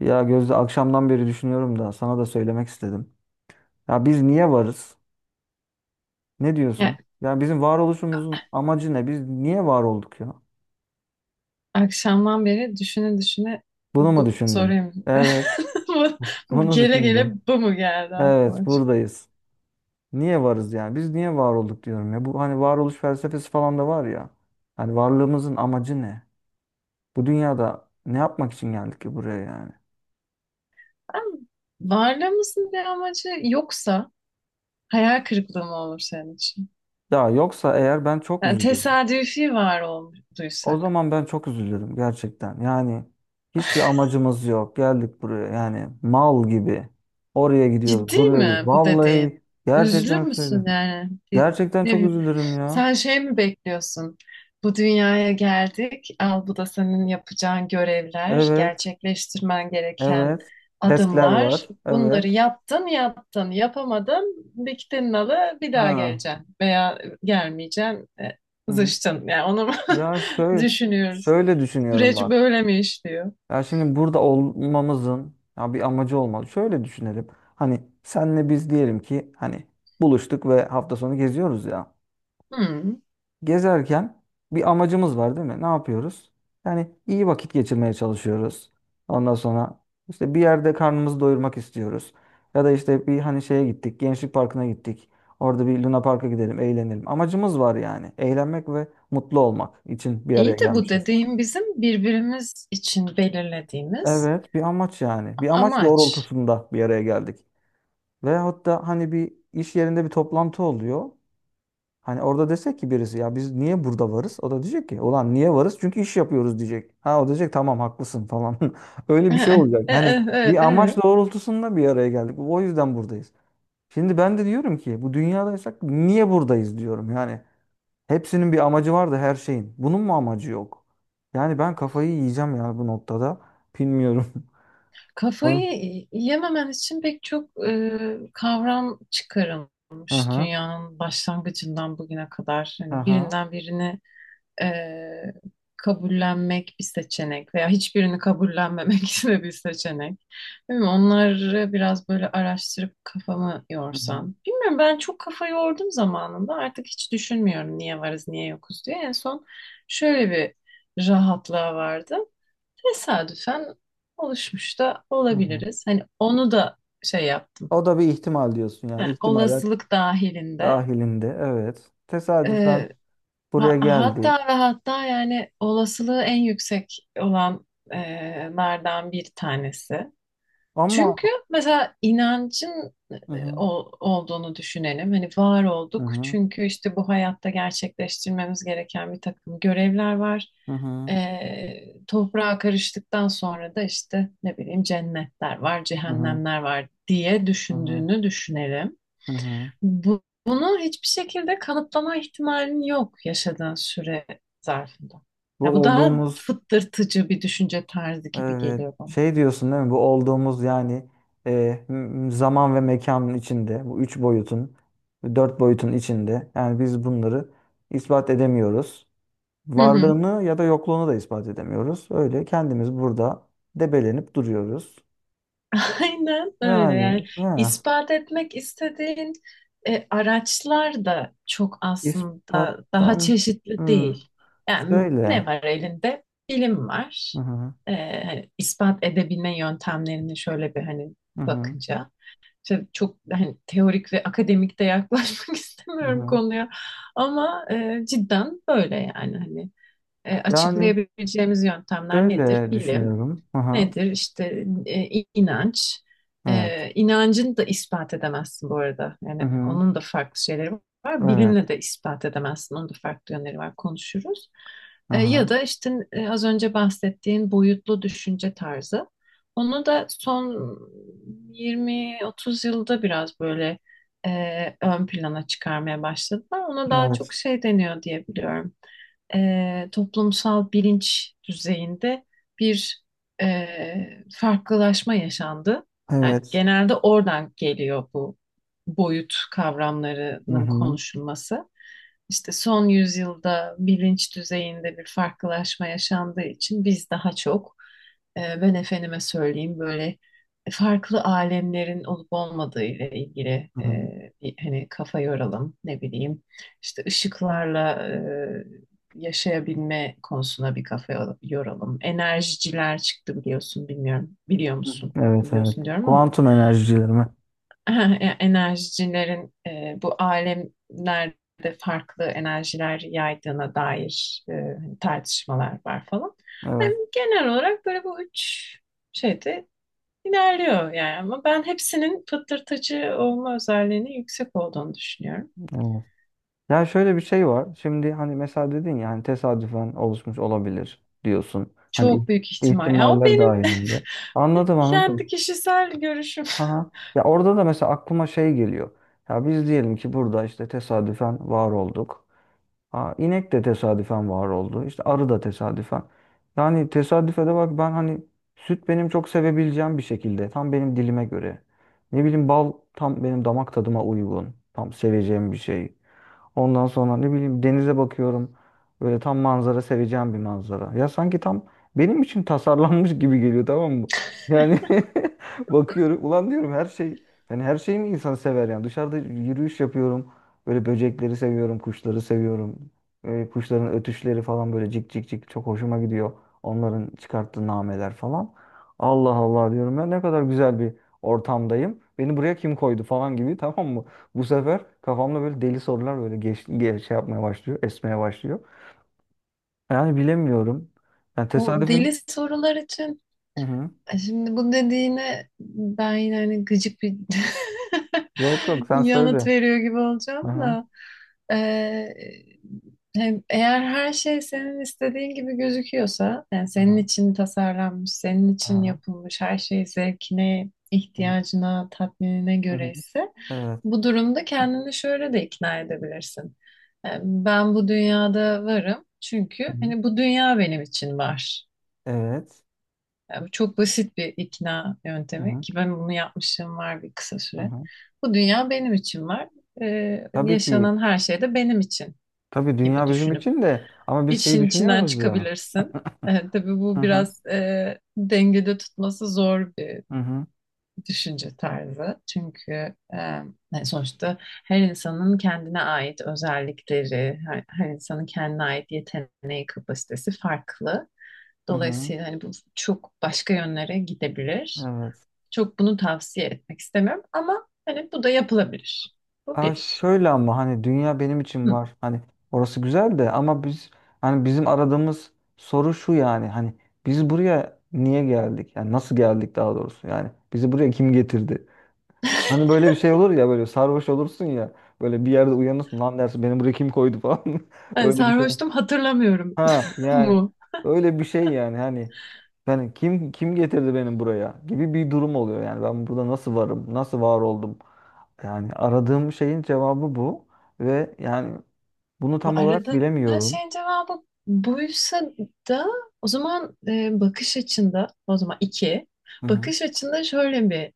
Ya Gözde, akşamdan beri düşünüyorum da sana da söylemek istedim. Ya biz niye varız? Ne diyorsun? Ya, Ya bizim varoluşumuzun amacı ne? Biz niye var olduk ya? akşamdan beri düşüne düşüne Bunu mu bu düşündün? soruyu Evet, bu, bu bunu gele gele düşündüm. bu mu geldi Evet, aklıma? buradayız. Niye varız yani? Biz niye var olduk diyorum ya. Bu hani varoluş felsefesi falan da var ya. Hani varlığımızın amacı ne? Bu dünyada ne yapmak için geldik ki buraya yani? Ben- Varlığımızın bir amacı yoksa hayal kırıklığı mı olur senin için? Ya yoksa eğer ben çok Yani üzülürüm. tesadüfi var O olduysak. zaman ben çok üzülürüm gerçekten. Yani hiçbir amacımız yok. Geldik buraya yani mal gibi. Oraya gidiyoruz, Ciddi buraya gidiyoruz. mi bu dediğin? Vallahi Üzülür gerçekten müsün söylüyorum. yani? Gerçekten Ne çok bileyim, üzülürüm ya. sen şey mi bekliyorsun? Bu dünyaya geldik. Al bu da senin yapacağın görevler, Evet, gerçekleştirmen gereken evet. Testler var. adımlar. Bunları Evet. yaptın, yaptın, yapamadın, diktin nalı, bir daha Ha. geleceksin veya gelmeyeceksin, Hı hı. zıçtın. Yani onu Ya şöyle düşünüyoruz. şöyle düşünüyorum Süreç bak. böyle mi işliyor? Ya şimdi burada olmamızın ya bir amacı olmalı. Şöyle düşünelim. Hani senle biz diyelim ki hani buluştuk ve hafta sonu geziyoruz ya. Hmm. Gezerken bir amacımız var değil mi? Ne yapıyoruz? Yani iyi vakit geçirmeye çalışıyoruz. Ondan sonra işte bir yerde karnımızı doyurmak istiyoruz. Ya da işte bir hani şeye gittik, Gençlik Parkı'na gittik. Orada bir Luna Park'a gidelim, eğlenelim. Amacımız var yani. Eğlenmek ve mutlu olmak için bir araya İyi de bu gelmişiz. dediğim bizim birbirimiz için belirlediğimiz Evet, bir amaç yani. Bir amaç amaç. doğrultusunda bir araya geldik. Ve hatta hani bir iş yerinde bir toplantı oluyor. Hani orada desek ki birisi ya biz niye burada varız? O da diyecek ki ulan niye varız? Çünkü iş yapıyoruz diyecek. Ha o diyecek tamam haklısın falan. Öyle bir şey olacak. E, e, Hani bir e, amaç e. doğrultusunda bir araya geldik. O yüzden buradayız. Şimdi ben de diyorum ki bu dünyadaysak niye buradayız diyorum. Yani hepsinin bir amacı var da her şeyin. Bunun mu amacı yok? Yani ben kafayı yiyeceğim yani bu noktada. Bilmiyorum. Oy. Kafayı yememen için pek çok kavram Hı çıkarılmış hı. dünyanın başlangıcından bugüne kadar. Hı Hani hı. birinden birini e, kabullenmek bir seçenek veya hiçbirini kabullenmemek de bir seçenek. Değil mi? Onları biraz böyle araştırıp kafamı Hı hı. yorsam. Bilmiyorum, ben çok kafa yordum zamanında, artık hiç düşünmüyorum niye varız niye yokuz diye. En son şöyle bir rahatlığa vardım. Tesadüfen oluşmuş da Hı hı. olabiliriz. Hani onu da şey yaptım. O da bir ihtimal diyorsun yani. Ha, İhtimaller olasılık dahilinde. dahilinde. Evet. Tesadüfen Ee, buraya hatta geldik. ve hatta yani olasılığı en yüksek olanlardan bir tanesi. Ama Çünkü mesela inancın hı hı, olduğunu düşünelim. Hani var hı olduk hı, çünkü işte bu hayatta gerçekleştirmemiz gereken bir takım görevler var. hı hı, hı Toprağa karıştıktan sonra da işte ne bileyim cennetler var, hı, cehennemler var diye hı hı. düşündüğünü düşünelim. Hı. Bunu hiçbir şekilde kanıtlama ihtimalin yok yaşadığın süre zarfında. Ya Bu bu daha olduğumuz, fıttırtıcı bir düşünce tarzı gibi evet, geliyor bana. şey diyorsun değil mi? Bu olduğumuz yani zaman ve mekanın içinde bu üç boyutun dört boyutun içinde yani biz bunları ispat edemiyoruz. Hı hı. Varlığını ya da yokluğunu da ispat edemiyoruz. Öyle kendimiz burada debelenip duruyoruz. Aynen öyle yani Yani ya, ispat etmek istediğin araçlar da çok aslında daha ispattan çeşitli hmm, değil. Yani ne şöyle. var elinde? Bilim Hı var. hı. E, hani ispat edebilme yöntemlerini şöyle bir hani Hı hı. bakınca. Tabii çok hani teorik ve akademik de yaklaşmak Hı istemiyorum hı. konuya ama cidden böyle yani hani Yani açıklayabileceğimiz yöntemler nedir? şöyle Bilim. düşünüyorum. Hı hı. Nedir? İşte inanç. Evet. E, inancını da ispat edemezsin bu arada. Hı Yani hı. onun da farklı şeyleri var. Evet. Bilimle de ispat edemezsin. Onun da farklı yönleri var. Konuşuruz. Hı E, ya hı. da işte az önce bahsettiğin boyutlu düşünce tarzı. Onu da son 20-30 yılda biraz böyle ön plana çıkarmaya başladılar. Ona daha Evet. çok şey deniyor diye biliyorum. E, toplumsal bilinç düzeyinde bir farklılaşma yaşandı. Yani Evet. genelde oradan geliyor bu boyut Hı kavramlarının hı. konuşulması. İşte son yüzyılda bilinç düzeyinde bir farklılaşma yaşandığı için biz daha çok ben efendime söyleyeyim böyle farklı alemlerin olup olmadığı ile ilgili Hı hı. Bir hani kafa yoralım, ne bileyim işte ışıklarla yaşayabilme konusuna bir kafa yoralım. Enerjiciler çıktı, biliyorsun, bilmiyorum. Biliyor musun? Evet, evet. Biliyorsun diyorum ama Kuantum enerjileri mi? yani enerjicilerin bu alemlerde farklı enerjiler yaydığına dair hani tartışmalar var falan. Yani Evet. genel olarak böyle bu üç şeyde ilerliyor yani, ama ben hepsinin fıtırtıcı olma özelliğinin yüksek olduğunu düşünüyorum. Evet. Ya şöyle bir şey var. Şimdi hani mesela dedin ya hani tesadüfen oluşmuş olabilir diyorsun. Hani Çok büyük ihtimal. Ya o ihtimaller benim dahilinde. Anladım, kendi anladım. kişisel görüşüm. Aha. Ya orada da mesela aklıma şey geliyor. Ya biz diyelim ki burada işte tesadüfen var olduk. Ha, inek de tesadüfen var oldu. İşte arı da tesadüfen. Yani tesadüfe de bak ben hani süt benim çok sevebileceğim bir şekilde. Tam benim dilime göre. Ne bileyim bal tam benim damak tadıma uygun. Tam seveceğim bir şey. Ondan sonra ne bileyim denize bakıyorum. Böyle tam manzara seveceğim bir manzara. Ya sanki tam benim için tasarlanmış gibi geliyor, tamam mı? Yani bakıyorum ulan diyorum her şey, yani her şeyi mi insan sever yani dışarıda yürüyüş yapıyorum. Böyle böcekleri seviyorum, kuşları seviyorum. Kuşların ötüşleri falan böyle cik cik cik çok hoşuma gidiyor. Onların çıkarttığı nameler falan. Allah Allah diyorum ya, ne kadar güzel bir ortamdayım. Beni buraya kim koydu falan gibi tamam, bu sefer kafamda böyle deli sorular böyle geç şey yapmaya başlıyor, esmeye başlıyor. Yani bilemiyorum. Yani O deli tesadüfün... sorular için, Hı hı. Şimdi bu dediğine ben yine hani gıcık bir Yok yok, sen yanıt söyle. veriyor gibi Hı olacağım hı. da e, eğer her şey senin istediğin gibi gözüküyorsa, yani Hı senin hı. için tasarlanmış, senin Hı için hı. yapılmış, her şey zevkine, ihtiyacına, tatminine Hı göre hı. ise Evet. bu durumda kendini şöyle de ikna edebilirsin. Ben bu dünyada varım çünkü Hı hı. hani bu dünya benim için var. Evet. Bu çok basit bir ikna Hı yöntemi hı. ki ben bunu yapmışım var bir kısa Hı süre. hı. Bu dünya benim için var. E, Tabii ki. yaşanan her şey de benim için Tabii gibi dünya bizim düşünüp için de ama biz şeyi işin içinden düşünüyoruz ya. çıkabilirsin. E, tabii Hı bu hı. biraz dengede tutması zor bir Hı hı. düşünce tarzı. Çünkü e, yani sonuçta her insanın kendine ait özellikleri, her insanın kendine ait yeteneği, kapasitesi farklı. Hı hı. Dolayısıyla hani bu çok başka yönlere gidebilir. Evet. Çok bunu tavsiye etmek istemiyorum ama hani bu da yapılabilir. Bu Aa, bir. şöyle ama hani dünya benim için Hı. var. Hani orası güzel de ama biz hani bizim aradığımız soru şu yani hani biz buraya niye geldik? Yani nasıl geldik daha doğrusu? Yani bizi buraya kim getirdi? Hani böyle bir şey olur ya, böyle sarhoş olursun ya böyle bir yerde uyanırsın, lan dersin beni buraya kim koydu falan. Hani Öyle bir şey. sarhoştum hatırlamıyorum Ha yani mu? öyle bir şey yani hani yani kim getirdi beni buraya gibi bir durum oluyor yani ben burada nasıl varım? Nasıl var oldum? Yani aradığım şeyin cevabı bu ve yani bunu tam olarak Arada bilemiyorum. şeyin cevabı buysa da o zaman bakış açında, o zaman iki Hı hı. bakış açında şöyle bir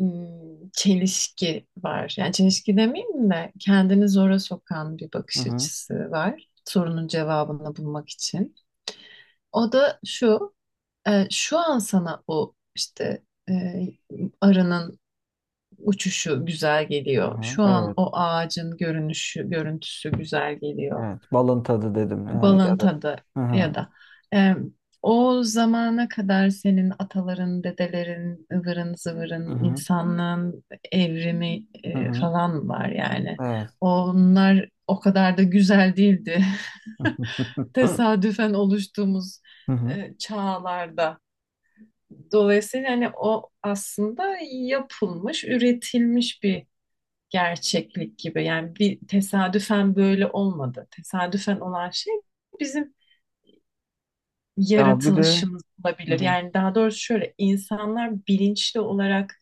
çelişki var. Yani çelişki demeyeyim de kendini zora sokan bir Hı bakış hı. açısı var. Sorunun cevabını bulmak için. O da şu, şu an sana o işte e, arının uçuşu güzel Hı geliyor. hı. Şu an Evet. o ağacın görünüşü, görüntüsü güzel geliyor. Evet. Balın tadı dedim yani, ya Balın da. tadı Hı ya hı. da e, o zamana kadar senin ataların, dedelerin, ıvırın Hı zıvırın, hı. insanlığın evrimi Hı hı. falan var yani. Evet. Onlar o kadar da güzel değildi. Tesadüfen oluştuğumuz Hı hı. Çağlarda. Dolayısıyla hani o aslında yapılmış, üretilmiş bir gerçeklik gibi. Yani bir tesadüfen böyle olmadı. Tesadüfen olan şey bizim Ya bir de yaratılışımız hı olabilir. hı. Yani daha doğrusu şöyle, insanlar bilinçli olarak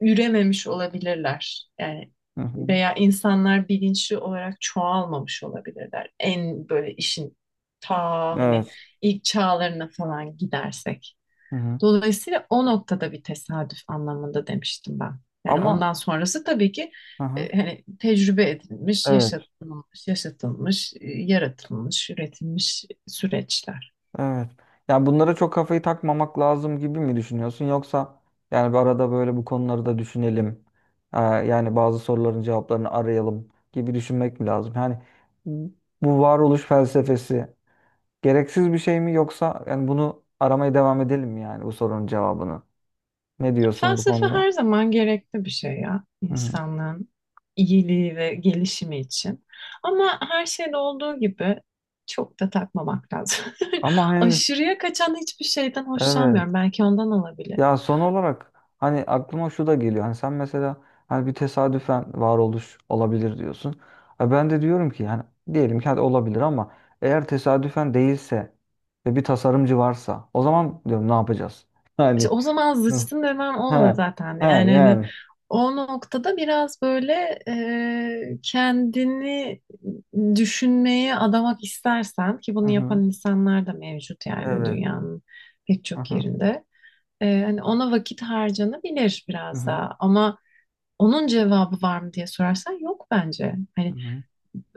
ürememiş olabilirler. Yani Hı hı. veya insanlar bilinçli olarak çoğalmamış olabilirler. En böyle işin ta hani Evet. ilk çağlarına falan gidersek. Hı hı. Dolayısıyla o noktada bir tesadüf anlamında demiştim ben. Yani ondan Ama sonrası tabii ki hı hı. Hani tecrübe edilmiş, Evet. Yaşatılmış, yaratılmış, üretilmiş süreçler. Evet. Yani bunlara çok kafayı takmamak lazım gibi mi düşünüyorsun? Yoksa yani bir arada böyle bu konuları da düşünelim. Yani bazı soruların cevaplarını arayalım gibi düşünmek mi lazım? Yani bu varoluş felsefesi gereksiz bir şey mi, yoksa yani bunu aramaya devam edelim mi yani bu sorunun cevabını? Ne diyorsun bu Felsefe konuda? her zaman gerekli bir şey ya, Hı hı. insanlığın iyiliği ve gelişimi için. Ama her şeyde olduğu gibi çok da takmamak lazım. Ama hani, Aşırıya kaçan hiçbir şeyden evet. hoşlanmıyorum. Belki ondan olabilir. Ya son olarak hani aklıma şu da geliyor. Hani sen mesela hani bir tesadüfen varoluş olabilir diyorsun. E, ben de diyorum ki yani diyelim ki hadi olabilir ama eğer tesadüfen değilse ve bir tasarımcı varsa o zaman diyorum ne yapacağız? İşte Yani. o zaman Hı, zıçtın demem o ha oluyor zaten. ha. Yani Hmm. hani Yani. o noktada biraz böyle kendini düşünmeye adamak istersen, ki Hı bunu hı. yapan insanlar da mevcut yani Evet. dünyanın pek Hı çok hı. yerinde. E, hani ona vakit harcanabilir Hı biraz hı. daha ama onun cevabı var mı diye sorarsan yok bence. Hı Hani hı.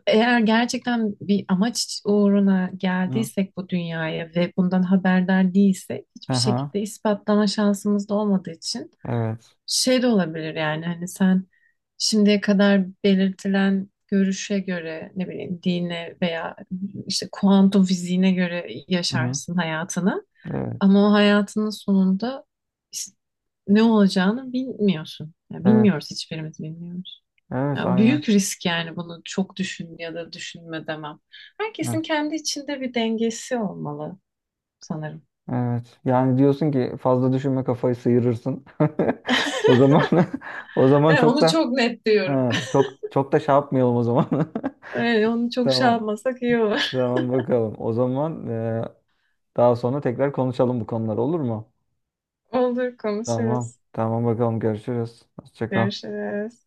eğer gerçekten bir amaç uğruna Hı. geldiysek bu dünyaya ve bundan haberdar değilsek Hı hiçbir hı. şekilde ispatlama şansımız da olmadığı için Evet. şey de olabilir yani, hani sen şimdiye kadar belirtilen görüşe göre ne bileyim dine veya işte kuantum fiziğine göre Hı hı. yaşarsın hayatını Evet. ama o hayatının sonunda is- ne olacağını bilmiyorsun. Yani Evet. bilmiyoruz, hiçbirimiz bilmiyoruz. Evet Ya aynen. büyük risk yani, bunu çok düşün ya da düşünme demem. Herkesin kendi içinde bir dengesi olmalı sanırım. Evet. Yani diyorsun ki fazla düşünme, kafayı sıyırırsın. O zaman, o zaman Evet, çok onu da, çok net diyorum. ha, çok çok da şey yapmayalım o zaman. Evet, onu çok şey Tamam. yapmasak iyi olur. Tamam bakalım. O zaman daha sonra tekrar konuşalım bu konular, olur mu? Olur, Tamam. konuşuruz. Tamam bakalım, görüşürüz. Hoşça kal. Görüşürüz.